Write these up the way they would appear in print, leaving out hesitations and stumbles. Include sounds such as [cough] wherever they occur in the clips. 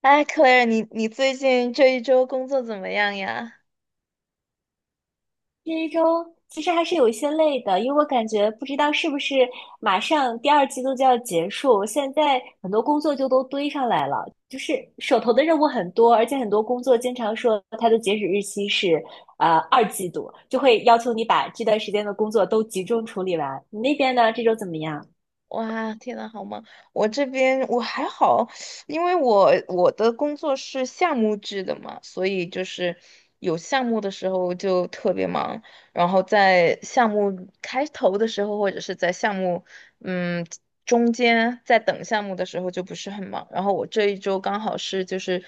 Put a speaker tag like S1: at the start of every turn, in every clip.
S1: 哎，Claire，你最近这一周工作怎么样呀？
S2: 这一周其实还是有一些累的，因为我感觉不知道是不是马上第二季度就要结束，现在很多工作就都堆上来了，就是手头的任务很多，而且很多工作经常说它的截止日期是二季度，就会要求你把这段时间的工作都集中处理完。你那边呢？这周怎么样？
S1: 哇，天呐，好忙！我这边我还好，因为我的工作是项目制的嘛，所以就是有项目的时候就特别忙，然后在项目开头的时候，或者是在项目嗯中间在等项目的时候就不是很忙。然后我这一周刚好是就是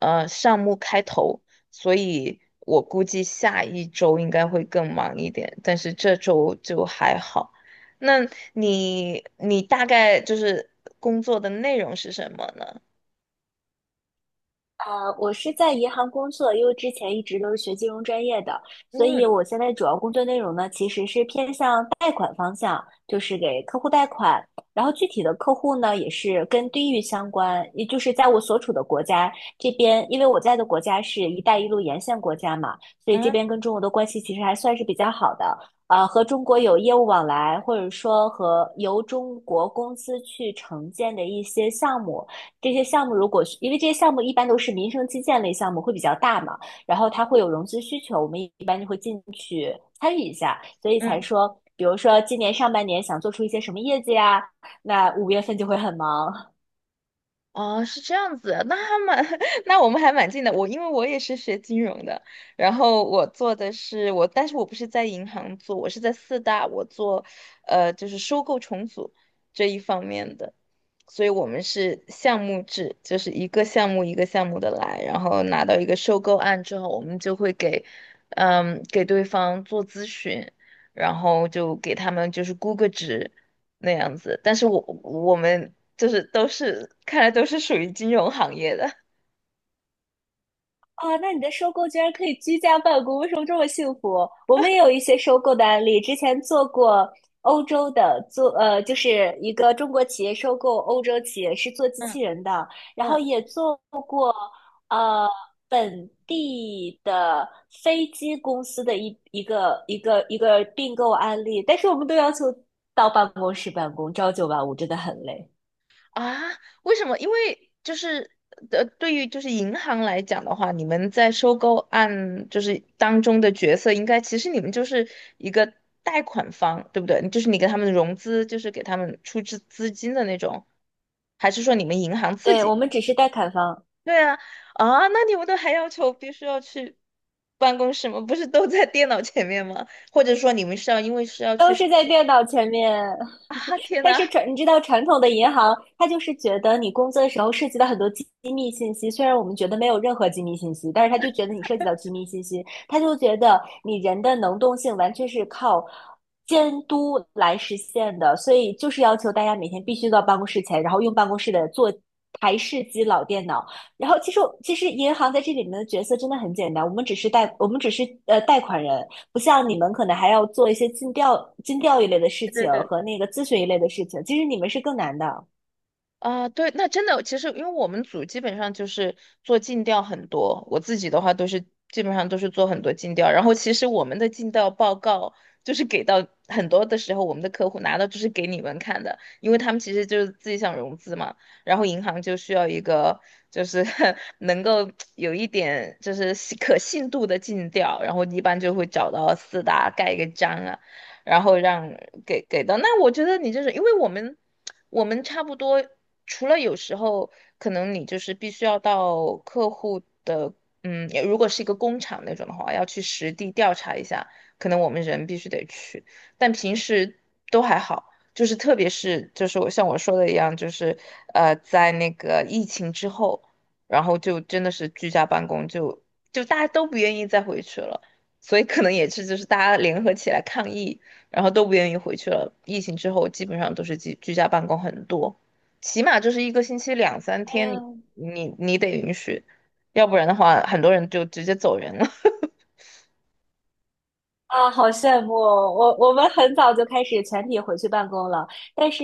S1: 项目开头，所以我估计下一周应该会更忙一点，但是这周就还好。那你大概就是工作的内容是什么呢？
S2: 啊，我是在银行工作，因为之前一直都是学金融专业的，所以
S1: 嗯。
S2: 我现在主要工作内容呢，其实是偏向贷款方向，就是给客户贷款。然后具体的客户呢，也是跟地域相关，也就是在我所处的国家这边，因为我在的国家是一带一路沿线国家嘛，所以这边
S1: 啊。
S2: 跟中国的关系其实还算是比较好的。和中国有业务往来，或者说和由中国公司去承建的一些项目。这些项目如果是因为这些项目一般都是民生基建类项目，会比较大嘛，然后它会有融资需求，我们一般就会进去参与一下，所以才
S1: 嗯。
S2: 说，比如说今年上半年想做出一些什么业绩呀，那五月份就会很忙
S1: 哦，是这样子，那还蛮，[laughs] 那我们还蛮近的。我因为我也是学金融的，然后我做的是我，但是我不是在银行做，我是在四大，我做，呃，就是收购重组这一方面的，所以我们是项目制，就是一个项目一个项目的来，然后拿到一个收购案之后，我们就会给，嗯，给对方做咨询，然后就给他们就是估个值。那样子，但是我们就是都是看来都是属于金融行业的。
S2: 啊。那你的收购居然可以居家办公，为什么这么幸福？我们也有一些收购的案例，之前做过。欧洲的做就是一个中国企业收购欧洲企业是做机
S1: 嗯。
S2: 器人的，然后
S1: 嗯。
S2: 也做呃，本地的飞机公司的一个并购案例，但是我们都要求到办公室办公，朝九晚五真的很累。
S1: 啊，为什么？因为就是对于就是银行来讲的话，你们在收购案就是当中的角色，应该其实你们就是一个贷款方，对不对？就是你给他们融资，就是给他们出资资金的那种，还是说你们银行自
S2: 对，
S1: 己？
S2: 我们只是代砍方，
S1: 对啊。啊，那你们都还要求必须要去办公室吗？不是都在电脑前面吗？或者说你们是要因为是要
S2: 都
S1: 去
S2: 是在电脑前面。
S1: 啊？天
S2: 但
S1: 呐！
S2: 是传，你知道传统的银行，它就是觉得你工作的时候涉及到很多机密信息，虽然我们觉得没有任何机密信息，但是他就觉得你涉及到机密信息，他就觉得你人的能动性完全是靠监督来实现的，所以就是要求大家每天必须到办公室前，然后用办公室的做。台式机老电脑，然后其实银行在这里面的角色真的很简单，我们只是贷款人，不像你们可能还要做一些尽调一类的事
S1: 对
S2: 情
S1: 对
S2: 和那个咨询一类的事情，其实你们是更难的。
S1: 啊，对，那真的，其实因为我们组基本上就是做尽调很多，我自己的话都是基本上都是做很多尽调，然后其实我们的尽调报告就是给到很多的时候，我们的客户拿到就是给你们看的，因为他们其实就是自己想融资嘛，然后银行就需要一个就是 [laughs] 能够有一点就是可信度的尽调，然后一般就会找到四大盖一个章啊。然后让给给到。那我觉得你就是因为我们差不多，除了有时候可能你就是必须要到客户的，嗯，如果是一个工厂那种的话，要去实地调查一下，可能我们人必须得去，但平时都还好。就是特别是就是我像我说的一样，就是在那个疫情之后，然后就真的是居家办公，就大家都不愿意再回去了，所以可能也是就是大家联合起来抗议然后都不愿意回去了。疫情之后，基本上都是居家办公很多，起码就是一个星期两三
S2: 哎呀，
S1: 天你，你得允许，要不然的话，很多人就直接走人了。[laughs]
S2: 啊，好羡慕哦！我们很早就开始全体回去办公了，但是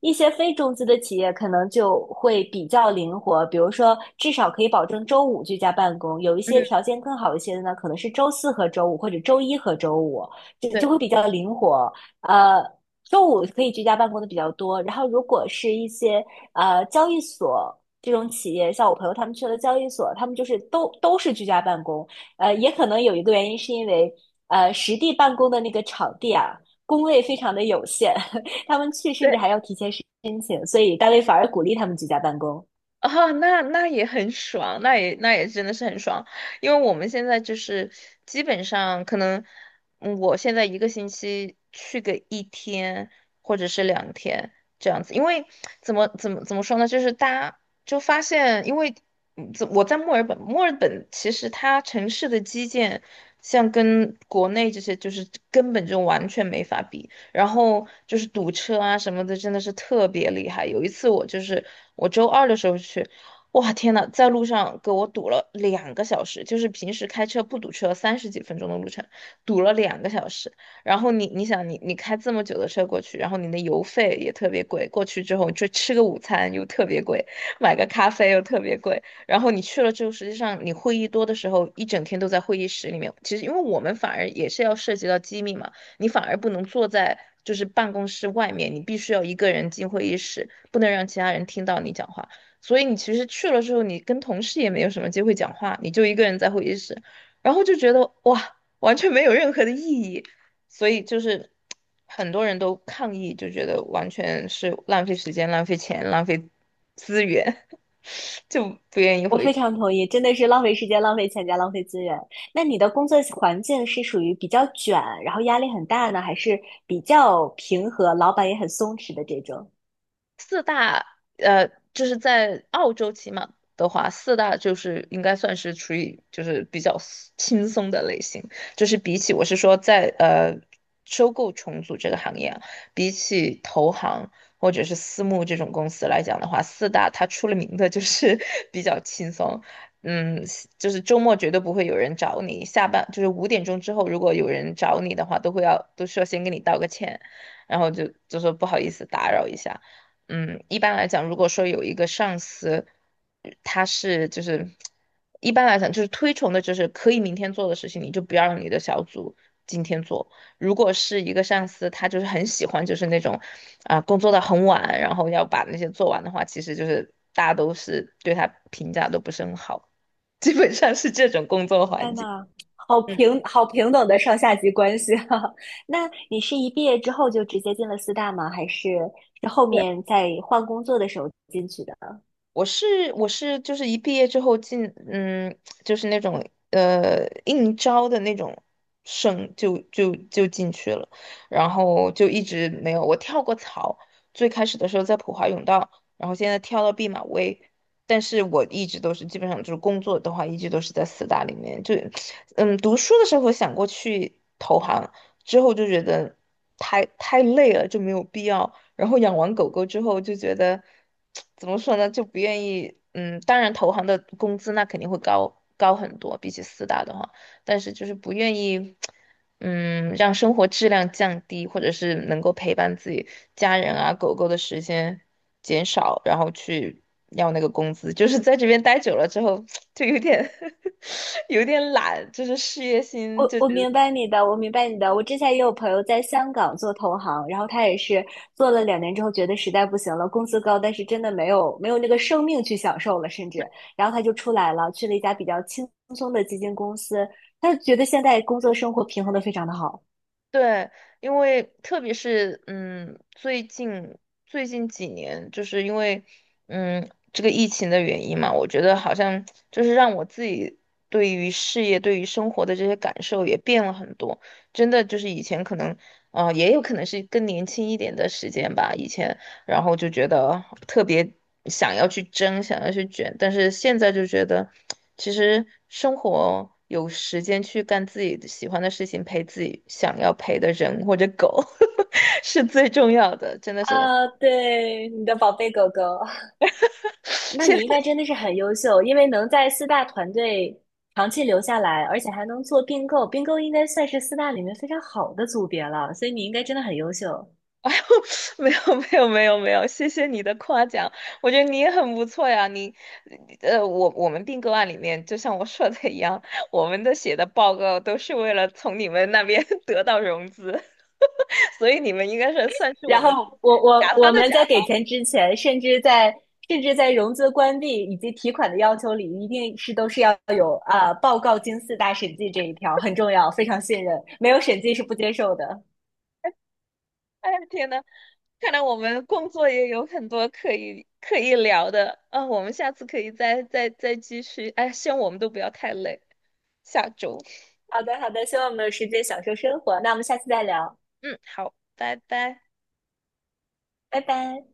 S2: 一些非中资的企业可能就会比较灵活，比如说至少可以保证周五居家办公，有一些条
S1: 嗯。
S2: 件更好一些的呢，可能是周四和周五或者周一和周五，就就
S1: 对
S2: 会比较灵活。呃，周五可以居家办公的比较多，然后如果是一些交易所这种企业，像我朋友他们去了交易所，他们就是都是居家办公。也可能有一个原因是因为，实地办公的那个场地啊，工位非常的有限，[laughs] 他们去甚至
S1: 对，
S2: 还要提前申请，所以单位反而鼓励他们居家办公。
S1: 啊，那那也很爽，那也那也真的是很爽，因为我们现在就是基本上可能，嗯我现在一个星期去个1天或者是2天这样子，因为怎么说呢，就是大家就发现，因为我在墨尔本，墨尔本其实它城市的基建像跟国内这些就是根本就完全没法比。然后就是堵车啊什么的，真的是特别厉害。有一次我就是我周二的时候去，哇天呐，在路上给我堵了两个小时，就是平时开车不堵车30几分钟的路程，堵了两个小时。然后你想你开这么久的车过去，然后你的油费也特别贵，过去之后就吃个午餐又特别贵，买个咖啡又特别贵。然后你去了之后，实际上你会议多的时候，一整天都在会议室里面。其实因为我们反而也是要涉及到机密嘛，你反而不能坐在就是办公室外面，你必须要一个人进会议室，不能让其他人听到你讲话。所以你其实去了之后，你跟同事也没有什么机会讲话，你就一个人在会议室，然后就觉得哇，完全没有任何的意义。所以就是很多人都抗议，就觉得完全是浪费时间、浪费钱、浪费资源，[laughs] 就不愿意
S2: 我
S1: 回
S2: 非
S1: 去。
S2: 常同意，真的是浪费时间、浪费钱加浪费资源。那你的工作环境是属于比较卷，然后压力很大呢，还是比较平和，老板也很松弛的这种？
S1: 四大呃，就是在澳洲起码的话，四大就是应该算是处于就是比较 轻松的类型，就是比起我是说在收购重组这个行业啊，比起投行或者是私募这种公司来讲的话，四大它出了名的就是 [laughs] 比较轻松。嗯，就是周末绝对不会有人找你，下班就是5点钟之后，如果有人找你的话，都会要都需要先跟你道个歉，然后就说不好意思打扰一下。嗯，一般来讲，如果说有一个上司，他是就是一般来讲就是推崇的，就是可以明天做的事情，你就不要让你的小组今天做。如果是一个上司，他就是很喜欢就是那种啊、工作到很晚，然后要把那些做完的话，其实就是大家都是对他评价都不是很好，基本上是这种工作环
S2: 天
S1: 境。
S2: 呐，好
S1: 嗯，
S2: 平好平等的上下级关系啊！[laughs] 那你是一毕业之后就直接进了四大吗？还是是后
S1: 对，
S2: 面在换工作的时候进去的？
S1: 我是就是一毕业之后进嗯，就是那种应招的那种就进去了，然后就一直没有我跳过槽，最开始的时候在普华永道，然后现在跳到毕马威，但是我一直都是基本上就是工作的话，一直都是在四大里面，就嗯读书的时候想过去投行，之后就觉得太累了，就没有必要。然后养完狗狗之后就觉得，[tsk] 怎么说呢，就不愿意，嗯，当然投行的工资那肯定会高很多，比起四大的话，但是就是不愿意，嗯，让生活质量降低，或者是能够陪伴自己家人啊、狗狗的时间减少，然后去要那个工资，就是在这边待久了之后，[tsk] 就有点 [laughs] 有点懒，就是事业心就觉得。
S2: 我明白你的。我之前也有朋友在香港做投行，然后他也是做了两年之后，觉得实在不行了，工资高，但是真的没有那个生命去享受了，甚至然后他就出来了，去了一家比较轻松的基金公司，他就觉得现在工作生活平衡的非常的好。
S1: 对，因为特别是嗯，最近几年，就是因为嗯这个疫情的原因嘛，我觉得好像就是让我自己对于事业、对于生活的这些感受也变了很多。真的就是以前可能，啊，也有可能是更年轻一点的时间吧。以前然后就觉得特别想要去争，想要去卷，但是现在就觉得，其实生活有时间去干自己喜欢的事情，陪自己想要陪的人或者狗，[laughs] 是最重要的，真的是。[laughs]
S2: 啊，对，你的宝贝狗狗。
S1: [sniffs]
S2: 那
S1: 现
S2: 你应该真的是很优秀，因为能在四大团队长期留下来，而且还能做并购，并购应该算是四大里面非常好的组别了，所以你应该真的很优秀。
S1: [laughs] 哎呦，[laughs] 没有没有没有没有，谢谢你的夸奖，我觉得你也很不错呀。你，呃，我们并购案里面，就像我说的一样，我们的写的报告都是为了从你们那边 [laughs] 得到融资，[laughs] 所以你们应该是算是我
S2: 然
S1: 们
S2: 后我我
S1: 甲
S2: 我
S1: 方的
S2: 们在
S1: 甲
S2: 给
S1: 方。
S2: 钱之前，甚至在融资关闭以及提款的要求里，一定是都是要有啊、报告经四大审计这一条很重要，非常信任，没有审计是不接受的。
S1: 哎，天呐，看来我们工作也有很多可以可以聊的啊，我们下次可以再继续。哎，希望我们都不要太累。下周，
S2: 好的好的，希望我们有时间享受生活，那我们下次再聊，
S1: 嗯，好，拜拜。
S2: 拜拜。